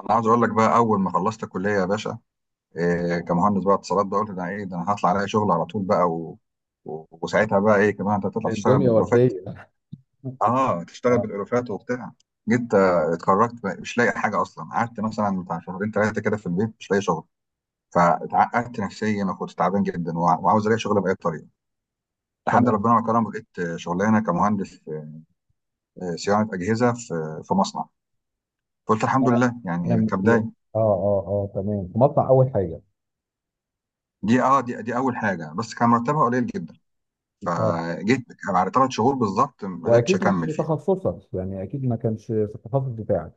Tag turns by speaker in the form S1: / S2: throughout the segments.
S1: انا عاوز اقول لك بقى اول ما خلصت الكليه يا باشا. كمهندس بقى اتصالات بقى قلت ده ايه ده، انا هطلع الاقي شغل على طول بقى، و... و... وساعتها بقى ايه كمان انت هتطلع تشتغل
S2: الدنيا
S1: بالالوفات.
S2: وردية.
S1: اه، تشتغل
S2: اه.
S1: بالالوفات وبتاع. جيت اتخرجت بقى مش لاقي حاجه اصلا، قعدت مثلا بتاع شهرين ثلاثه كده في البيت مش لاقي شغل. فاتعقدت نفسيا وكنت تعبان جدا وعاوز الاقي شغل باي طريقه، لحد
S2: تمام.
S1: ربنا ما كرم لقيت شغلانه كمهندس، صيانه اجهزه في مصنع. قلت الحمد
S2: انا
S1: لله
S2: انا
S1: يعني كبدايه.
S2: اه تمام، في مصنع اول حاجة.
S1: دي اول حاجه بس كان مرتبها قليل جدا.
S2: اه،
S1: فجيت بعد ثلاث شهور بالظبط ما قدرتش
S2: واكيد مش
S1: اكمل
S2: في
S1: فيها.
S2: تخصصك، يعني اكيد ما كانش في التخصص بتاعك.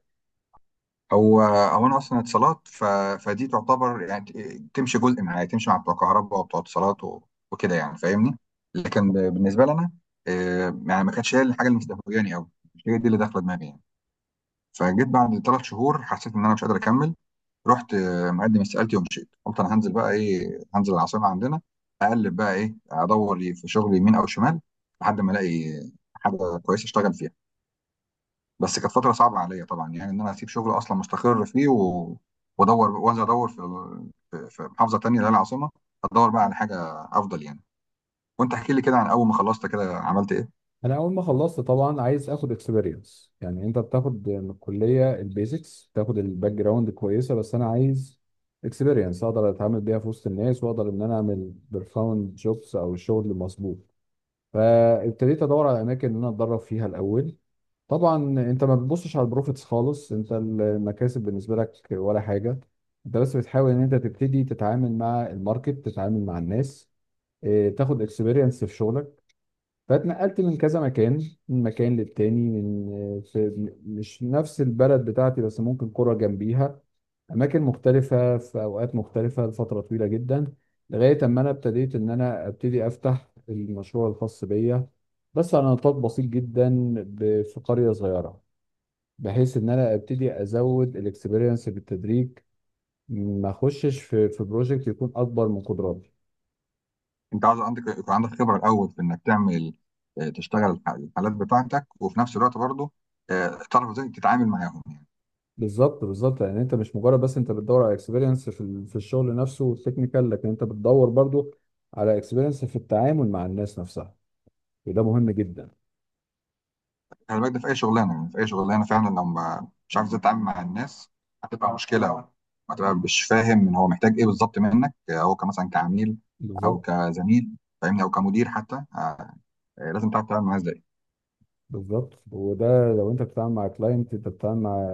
S1: هو او انا اصلا اتصالات، فدي تعتبر يعني تمشي جزء من حياتي، تمشي مع بتوع كهرباء وبتوع اتصالات وكده يعني، فاهمني. لكن بالنسبه لي انا، يعني ما كانتش هي الحاجه اللي مستهوياني قوي، مش هي دي اللي داخله دماغي يعني. فجيت بعد ثلاث شهور حسيت ان انا مش قادر اكمل. رحت مقدم استقالتي ومشيت، قلت انا هنزل بقى ايه، هنزل العاصمه عندنا، اقلب بقى ايه، ادور لي في شغلي يمين او شمال، لحد ما الاقي حاجه كويسه اشتغل فيها. بس كانت فتره صعبه عليا طبعا، يعني ان انا اسيب شغل اصلا مستقر فيه وادور، وانزل ادور في في محافظه تانية اللي هي العاصمه، ادور بقى على حاجه افضل يعني. وانت احكي لي كده، عن اول ما خلصت كده عملت ايه.
S2: انا اول ما خلصت طبعا عايز اخد اكسبيرينس. يعني انت بتاخد من الكلية البيزكس، بتاخد الباك جراوند كويسة، بس انا عايز اكسبيرينس اقدر اتعامل بيها في وسط الناس، واقدر ان انا اعمل بيرفورم جوبس او الشغل المظبوط. فابتديت ادور على اماكن ان انا اتدرب فيها الاول. طبعا انت ما بتبصش على البروفيتس خالص، انت المكاسب بالنسبه لك ولا حاجه. انت بس بتحاول ان انت تبتدي تتعامل مع الماركت، تتعامل مع الناس، اه، تاخد اكسبيرينس في شغلك. فاتنقلت من كذا مكان، من مكان للتاني، من اه، في مش نفس البلد بتاعتي، بس ممكن قرى جنبيها، اماكن مختلفه في اوقات مختلفه لفتره طويله جدا، لغايه اما انا ابتديت ان انا ابتدي افتح المشروع الخاص بيا، بس على نطاق بسيط جدا في قريه صغيره، بحيث ان انا ابتدي ازود الاكسبيرينس بالتدريج، ما اخشش في بروجكت يكون اكبر من قدراتي.
S1: انت عاوز عندك يكون عندك خبره الاول في انك تعمل، تشتغل الحالات بتاعتك، وفي نفس الوقت برضه تعرف ازاي تتعامل معاهم يعني.
S2: بالظبط بالظبط، يعني انت مش مجرد بس انت بتدور على اكسبيرينس في الشغل نفسه والتكنيكال، لكن انت بتدور برضو على اكسبيرينس في التعامل مع الناس نفسها، وده مهم جدا.
S1: خلي بالك ده في اي شغلانه، يعني في اي شغلانه فعلا، لو ما مش عارف ازاي تتعامل مع الناس هتبقى مشكله أوي، هتبقى مش فاهم ان هو محتاج ايه بالظبط منك، هو كمثلا كعميل او
S2: بالظبط
S1: كزميل، فاهمني، او كمدير حتى. لازم تعرف تتعامل مع الناس ازاي.
S2: بالظبط، وده لو انت بتتعامل مع كلاينت، انت بتتعامل مع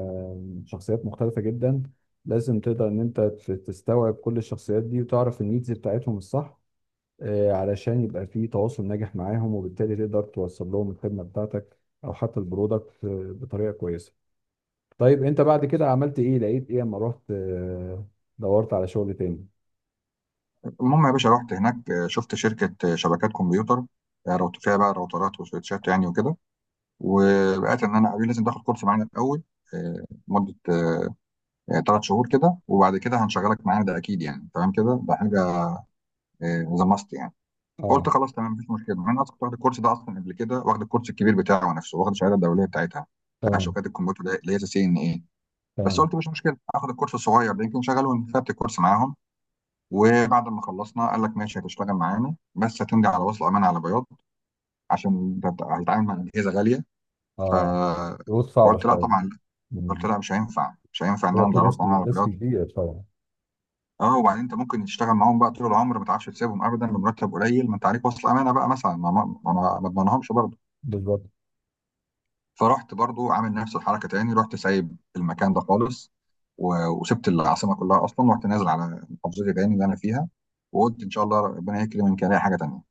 S2: شخصيات مختلفة جدا، لازم تقدر ان انت تستوعب كل الشخصيات دي وتعرف النيدز بتاعتهم الصح، علشان يبقى في تواصل ناجح معاهم، وبالتالي تقدر توصل لهم الخدمة بتاعتك او حتى البرودكت بطريقة كويسة. طيب، انت بعد كده عملت ايه؟ لقيت ايه اما رحت دورت على شغل تاني؟
S1: المهم يا باشا رحت هناك، شفت شركه شبكات كمبيوتر، فيها بقى راوترات وسويتشات يعني وكده. وبقيت ان انا قالوا لي لازم تاخد كورس معانا الاول، مده ثلاث شهور كده، وبعد كده هنشغلك معانا، ده اكيد يعني، تمام كده، ده حاجه ذا ماست يعني. قلت
S2: اه.
S1: خلاص تمام مفيش مشكله، انا اصلا كنت واخد الكورس ده اصلا قبل كده، واخد الكورس الكبير بتاعه نفسه، واخد الشهاده الدوليه بتاعتها بتاع
S2: تمام.
S1: شبكات الكمبيوتر ده، اللي هي سي ان ايه. بس
S2: تمام.
S1: قلت مش مشكله اخد الكورس الصغير ده يمكن شغله، خدت الكورس معاهم. وبعد ما خلصنا قال لك ماشي هتشتغل معانا بس هتمضي على وصل امانه على بياض، عشان ده هتتعامل مع اجهزه غاليه. ف
S2: اه. ضغوط صعبه
S1: فقلت لا
S2: شويه.
S1: طبعا لا، قلت
S2: مم.
S1: لا مش هينفع، مش هينفع ان
S2: هو
S1: انا
S2: في
S1: امضي على
S2: ريسك،
S1: وصل امانه على
S2: ريسك
S1: بياض.
S2: كبير طبعا.
S1: اه، وبعدين انت ممكن تشتغل معاهم بقى طول العمر ما تعرفش تسيبهم ابدا بمرتب قليل، ما انت عليك وصل امانه بقى، مثلا ما اضمنهمش برضه.
S2: بالظبط.
S1: فرحت برضو عامل نفس الحركه تاني، رحت سايب المكان ده خالص، وسبت العاصمه كلها اصلا، ورحت نازل على محافظتي تاني اللي انا فيها، وقلت ان شاء الله ربنا يكرم، يمكن الاقي حاجه تانيه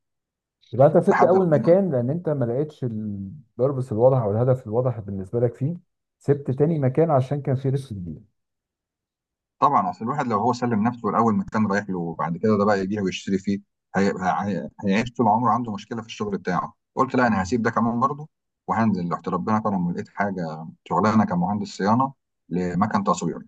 S2: يبقى انت سبت
S1: لحد
S2: اول
S1: ربنا.
S2: مكان لان انت ما لقيتش البربس الواضح او الهدف الواضح بالنسبه لك فيه، سبت تاني مكان عشان كان في ريسك كبير.
S1: طبعا اصل الواحد لو هو سلم نفسه الاول مكان رايح له، وبعد كده ده بقى يبيع ويشتري فيه، هيعيش طول عمره عنده مشكله في الشغل بتاعه، قلت لا انا
S2: تمام.
S1: هسيب ده كمان برضو وهنزل. رحت ربنا كرم ولقيت حاجه، شغلانه كمهندس صيانه لمكن تصوير،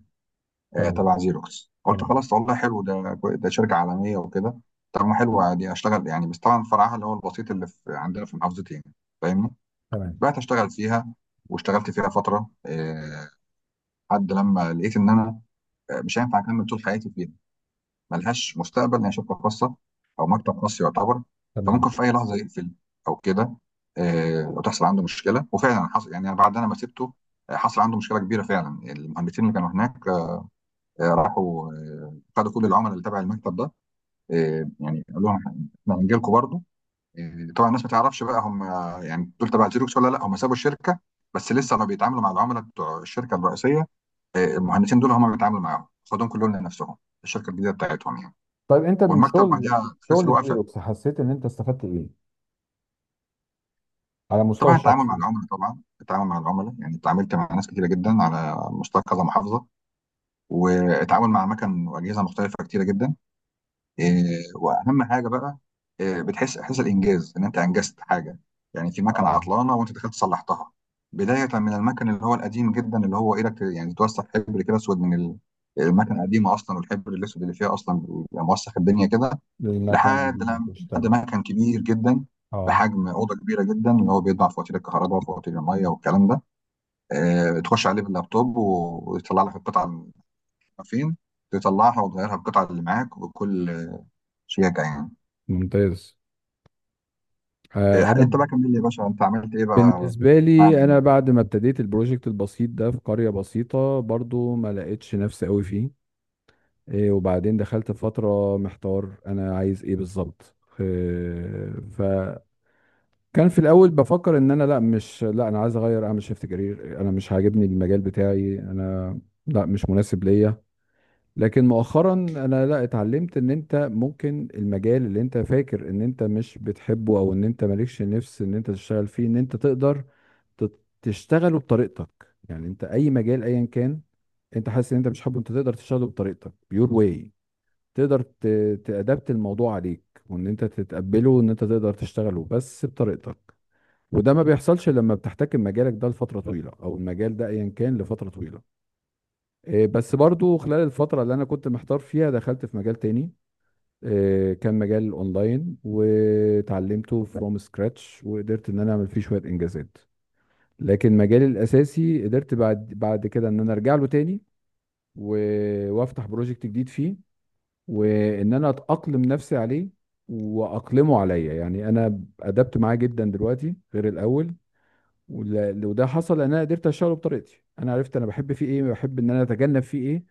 S2: تمام.
S1: تبع زيروكس. قلت
S2: تمام.
S1: خلاص والله حلو ده، ده شركة عالمية وكده، طب ما حلو عادي اشتغل يعني، بس طبعا فرعها اللي هو البسيط اللي في عندنا في محافظتي يعني، فاهمني.
S2: تمام.
S1: بقيت اشتغل فيها، واشتغلت فيها فترة، لحد لما لقيت ان انا مش هينفع اكمل طول حياتي فيها، ملهاش مستقبل، ان هي شركة خاصة او مكتب خاص يعتبر، فممكن
S2: تمام.
S1: في اي لحظة يقفل او كده. وتحصل عنده مشكلة، وفعلا حصل يعني بعد انا ما سبته حصل عنده مشكلة كبيرة، فعلا المهندسين اللي كانوا هناك راحوا خدوا كل العملاء اللي تبع المكتب ده، يعني قالوا لهم احنا هنجي لكم برضه. طبعا الناس ما تعرفش بقى هم يعني دول تبع زيروكس ولا لا، هم سابوا الشركه بس لسه ما بيتعاملوا مع العملاء بتوع الشركه الرئيسيه. المهندسين دول هم بيتعاملوا معاهم، خدوهم كلهم لنفسهم، الشركه الجديده بتاعتهم يعني.
S2: طيب، انت من
S1: والمكتب
S2: شغل
S1: بعدها خسر
S2: شغل
S1: وقفل.
S2: زيروكس حسيت ان انت استفدت ايه على المستوى
S1: طبعا التعامل
S2: الشخصي؟
S1: مع العملاء، طبعا التعامل مع العملاء، يعني اتعاملت مع ناس كتيره جدا على مستوى كذا محافظه، واتعامل مع اماكن واجهزه مختلفه كتيره جدا. آه، واهم حاجه بقى، بتحس احساس الانجاز، ان انت انجزت حاجه، يعني في مكنه
S2: اه.
S1: عطلانه وانت دخلت صلحتها، بدايه من المكن اللي هو القديم جدا اللي هو ايدك يعني توسخ حبر كده اسود من المكنه القديمه اصلا، والحبر الاسود اللي فيها اصلا بيبقى موسخ الدنيا كده،
S2: للمكان
S1: لحد
S2: الجديد اللي
S1: لما، لحد
S2: بشتغل.
S1: مكن كبير جدا
S2: اه.
S1: بحجم اوضه كبيره جدا اللي هو بيطبع فواتير الكهرباء وفواتير الميه والكلام ده. تخش عليه باللابتوب ويطلع لك القطعه اللي فين، تطلعها وتغيرها القطعه اللي معاك وكل شيء يعني.
S2: ممتاز. آه، انا
S1: انت بقى كمل لي يا باشا، انت عملت ايه بقى
S2: بالنسبه لي
S1: بعد.
S2: انا بعد ما ابتديت البروجكت البسيط ده في قريه بسيطه برضو ما لقيتش نفسي قوي فيه. إيه، وبعدين دخلت في فترة محتار، أنا عايز إيه بالظبط؟ إيه، فكان في الأول بفكر إن أنا لا، مش لا، أنا عايز أغير، أعمل شيفت كارير، أنا مش عاجبني المجال بتاعي أنا، لا مش مناسب ليا. لكن مؤخرا أنا، لا، اتعلمت إن أنت ممكن المجال اللي أنت فاكر إن أنت مش بتحبه أو إن أنت مالكش نفس إن أنت تشتغل فيه، إن أنت تقدر تشتغله بطريقتك. يعني أنت أي مجال أيا كان، أنت حاسس إن أنت مش حابه، أنت تقدر تشتغله بطريقتك، يور واي. تقدر تأدبت الموضوع عليك، وان انت تتقبله وان انت تقدر تشتغله بس بطريقتك. وده ما بيحصلش لما بتحتكم مجالك ده لفترة طويلة او المجال ده ايا كان لفترة طويلة. إيه، بس برضو خلال الفترة اللي انا كنت محتار فيها دخلت في مجال تاني. إيه، كان مجال اونلاين وتعلمته فروم سكراتش، وقدرت ان انا اعمل فيه شوية انجازات. لكن مجالي الاساسي قدرت بعد كده ان انا ارجع له تاني، وافتح بروجكت جديد فيه، وان انا اتاقلم نفسي عليه واقلمه عليا، يعني انا ادبت معاه جدا دلوقتي غير الاول. وده حصل لان انا قدرت اشتغله بطريقتي، انا عرفت انا بحب فيه ايه، بحب ان انا اتجنب فيه ايه،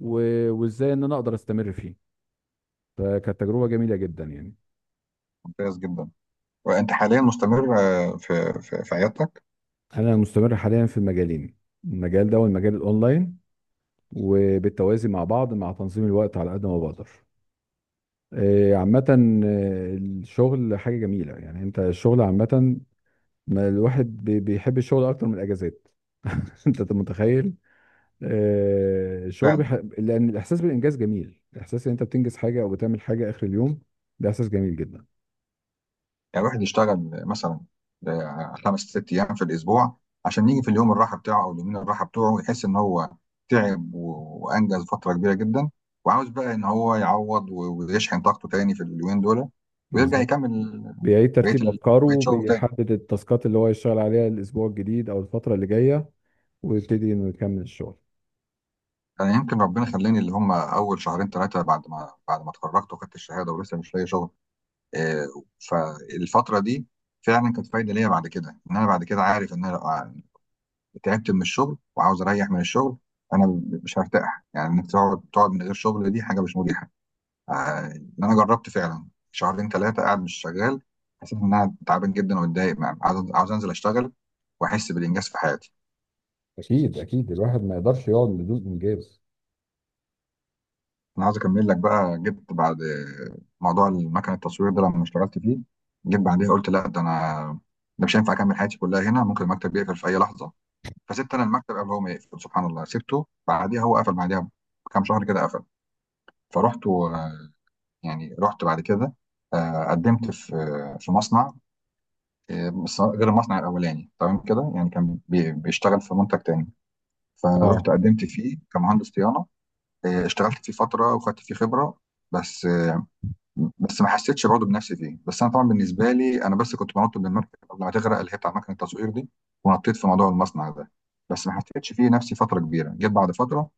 S2: وازاي ان انا اقدر استمر فيه. فكانت تجربه جميله جدا يعني.
S1: ممتاز جدا. وانت حاليا مستمر في في عيادتك؟
S2: انا مستمر حاليا في المجالين، المجال ده والمجال الاونلاين، وبالتوازي مع بعض مع تنظيم الوقت على قد ما بقدر. عامة، الشغل حاجة جميلة. يعني انت الشغل عامة، ما الواحد بيحب الشغل اكتر من الاجازات. انت متخيل؟ آه، الشغل
S1: فعلا،
S2: بيح... لان الاحساس بالانجاز جميل، الاحساس ان انت بتنجز حاجه او بتعمل حاجه اخر اليوم، ده احساس جميل جدا.
S1: يعني الواحد يشتغل مثلا خمس ست ايام في الاسبوع، عشان يجي في اليوم الراحه بتاعه او اليومين الراحه بتوعه، ويحس ان هو تعب وانجز فتره كبيره جدا، وعاوز بقى ان هو يعوض ويشحن طاقته تاني في اليومين دول، ويرجع
S2: بالظبط.
S1: يكمل
S2: بيعيد
S1: بقيه
S2: ترتيب
S1: بقيه
S2: افكاره،
S1: شغله تاني.
S2: بيحدد التاسكات اللي هو يشتغل عليها الاسبوع الجديد او الفتره اللي جايه، ويبتدي انه يكمل الشغل.
S1: انا يمكن ربنا خلاني، اللي هم اول شهرين ثلاثه بعد ما اتخرجت وخدت الشهاده ولسه مش لاقي شغل، آه، فالفترة دي فعلا كانت فايدة ليا بعد كده، ان انا بعد كده عارف ان انا لو تعبت من الشغل وعاوز اريح من الشغل انا مش هرتاح، يعني انك تقعد، تقعد من غير شغل دي حاجة مش مريحة. ان انا جربت فعلا شهرين ثلاثة قاعد مش شغال، حسيت ان انا تعبان جدا ومتضايق، عاوز انزل اشتغل واحس بالانجاز في حياتي.
S2: اكيد اكيد، الواحد ما يقدرش يقعد بدون انجاز.
S1: انا عاوز اكمل لك بقى، جبت بعد موضوع المكن التصوير ده لما اشتغلت فيه، جيت بعديها قلت لا ده انا، ده مش هينفع اكمل حياتي كلها هنا، ممكن المكتب يقفل في اي لحظة. فسبت انا المكتب قبل هو ما يقفل، سبحان الله سبته بعديها هو قفل، بعديها بكام شهر كده قفل. فرحت و- يعني رحت بعد كده قدمت في مصنع، بس غير المصنع الاولاني تمام كده، يعني كان بيشتغل في منتج تاني،
S2: اه.
S1: فرحت قدمت فيه كمهندس صيانه. اشتغلت فيه فتره وخدت فيه خبره، بس آه، بس ما حسيتش برضه بنفسي فيه، بس انا طبعا بالنسبه لي انا بس كنت بنط من المركب قبل ما تغرق، اللي هي بتاع مكنه التصوير دي، ونطيت في موضوع المصنع ده، بس ما حسيتش فيه نفسي فتره كبيره جيت بعد فتره.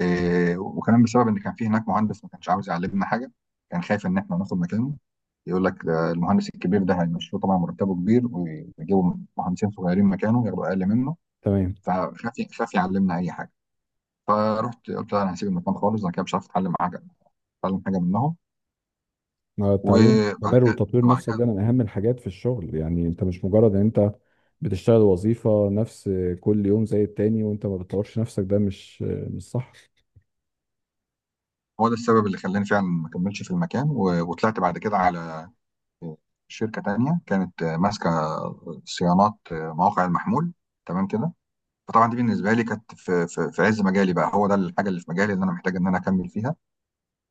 S1: وكمان بسبب ان كان في هناك مهندس ما كانش عاوز يعلمنا حاجه، كان خايف ان احنا ناخد مكانه، يقول لك ده المهندس الكبير ده هيمشوه طبعا مرتبه كبير، ويجيبوا مهندسين صغيرين مكانه ياخدوا اقل منه،
S2: تمام.
S1: فخاف، خاف يعلمنا اي حاجه. فرحت قلت له انا هسيب المكان خالص، انا كده مش عارف اتعلم حاجه، اتعلم حاجه منهم.
S2: التعليم
S1: وبعد
S2: المستمر
S1: كده
S2: وتطوير
S1: بعد
S2: نفسك
S1: كده
S2: ده من أهم الحاجات في الشغل. يعني أنت مش مجرد إن أنت بتشتغل وظيفة، نفس كل يوم زي التاني، وأنت ما بتطورش نفسك، ده مش، مش صح.
S1: هو ده السبب اللي خلاني فعلا ما كملش في المكان، وطلعت بعد كده على شركه تانيه كانت ماسكه صيانات مواقع المحمول تمام كده. فطبعا دي بالنسبه لي كانت في في عز مجالي بقى، هو ده الحاجه اللي في مجالي اللي انا محتاج ان انا اكمل فيها،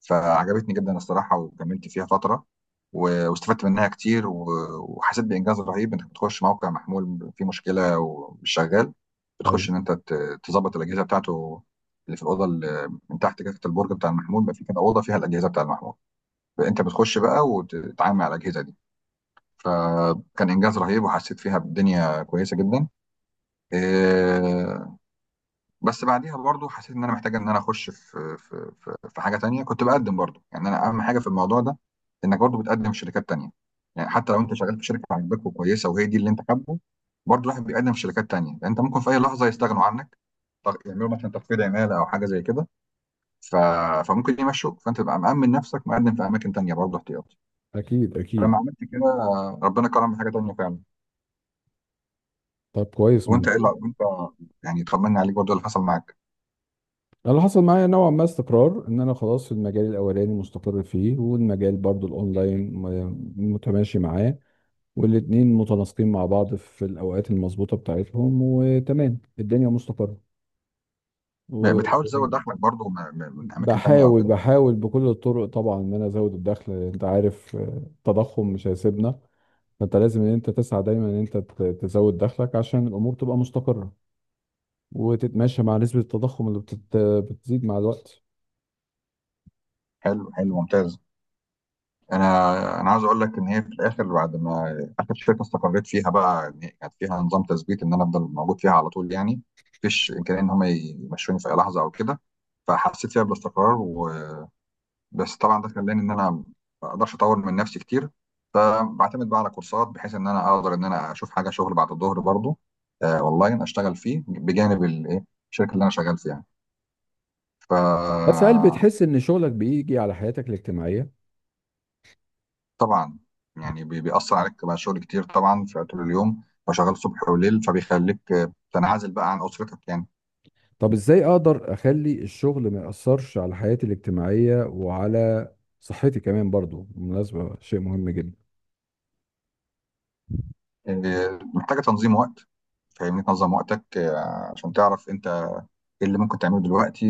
S1: فعجبتني جدا الصراحه وكملت فيها فتره، واستفدت منها كتير، وحسيت بانجاز رهيب، انك بتخش موقع محمول فيه مشكله ومش شغال،
S2: أيوة.
S1: بتخش ان انت تظبط الاجهزه بتاعته، اللي في الاوضه اللي من تحت كده تحت البرج بتاع المحمول، بقى في كده اوضه فيها الاجهزه بتاع المحمول، فانت بتخش بقى وتتعامل مع الاجهزه دي، فكان انجاز رهيب وحسيت فيها بالدنيا كويسه جدا. آه، بس بعديها برضو حسيت ان انا محتاج ان انا اخش في في حاجه تانية، كنت بقدم برضو، يعني انا اهم حاجه في الموضوع ده انك برضو بتقدم في شركات تانية. يعني حتى لو انت شغال في شركه عاجباك وكويسه وهي دي اللي انت حابه، برضو الواحد بيقدم في شركات تانية، لان انت ممكن في اي لحظه يستغنوا عنك، يعملوا مثلا تخفيض عماله او حاجه زي كده، ف... فممكن يمشوك، فانت تبقى مأمن نفسك مقدم في اماكن تانية برضو احتياطي.
S2: أكيد أكيد.
S1: فلما عملت كده ربنا كرم بحاجه تانية فعلا.
S2: طب كويس،
S1: وانت ايه
S2: ممتاز.
S1: لا- وانت يعني طمنا عليك برضو اللي حصل معاك.
S2: أنا اللي حصل معايا نوعا ما استقرار، إن أنا خلاص في المجال الأولاني مستقر فيه، والمجال برضو الأونلاين متماشي معاه، والاتنين متناسقين مع بعض في الأوقات المظبوطة بتاعتهم، وتمام الدنيا
S1: بتحاول
S2: مستقرة.
S1: تزود دخلك برضو من اماكن تانية او
S2: بحاول
S1: كده؟
S2: بحاول بكل الطرق طبعا ان انا ازود الدخل، لأن انت عارف، التضخم مش هيسيبنا، فانت لازم ان انت تسعى دايما ان انت تزود دخلك عشان الامور تبقى مستقرة وتتماشى مع نسبة التضخم اللي بتزيد مع الوقت.
S1: حلو حلو ممتاز. انا انا عايز اقول لك ان هي في الاخر، بعد ما اخر شركه استقريت فيها بقى، إن هي كانت فيها نظام تثبيت، ان انا افضل موجود فيها على طول يعني، مفيش امكانيه ان هم يمشوني في اي لحظه او كده، فحسيت فيها بالاستقرار بس طبعا ده خلاني ان انا ما اقدرش اطور من نفسي كتير، فبعتمد بقى على كورسات بحيث ان انا اقدر ان انا اشوف حاجه، شغل بعد الظهر برضو، آه، اونلاين، اشتغل فيه بجانب الايه، الشركه اللي انا شغال فيها. ف
S2: بس هل بتحس ان شغلك بيجي على حياتك الاجتماعية؟
S1: طبعا يعني بيأثر عليك بقى شغل كتير طبعا في طول اليوم، وشغال صبح وليل، فبيخليك تنعزل بقى عن أسرتك يعني.
S2: طب ازاي اقدر اخلي الشغل ما يأثرش على حياتي الاجتماعية وعلى صحتي كمان برضو، بالمناسبة شيء مهم جدا؟
S1: محتاجة تنظيم وقت، فاهمني، تنظم وقتك عشان تعرف انت ايه اللي ممكن تعمله دلوقتي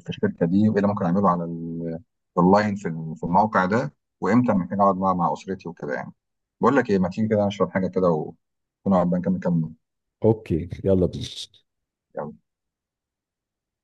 S1: في الشركه دي، وايه اللي ممكن اعمله على اونلاين، في في الموقع ده، وامتى محتاج اقعد مع اسرتي وكده يعني. بقول لك ايه، ما تيجي كده نشرب حاجه كده، ونقعد بقى نكمل كلامنا.
S2: اوكي، يلا بينا.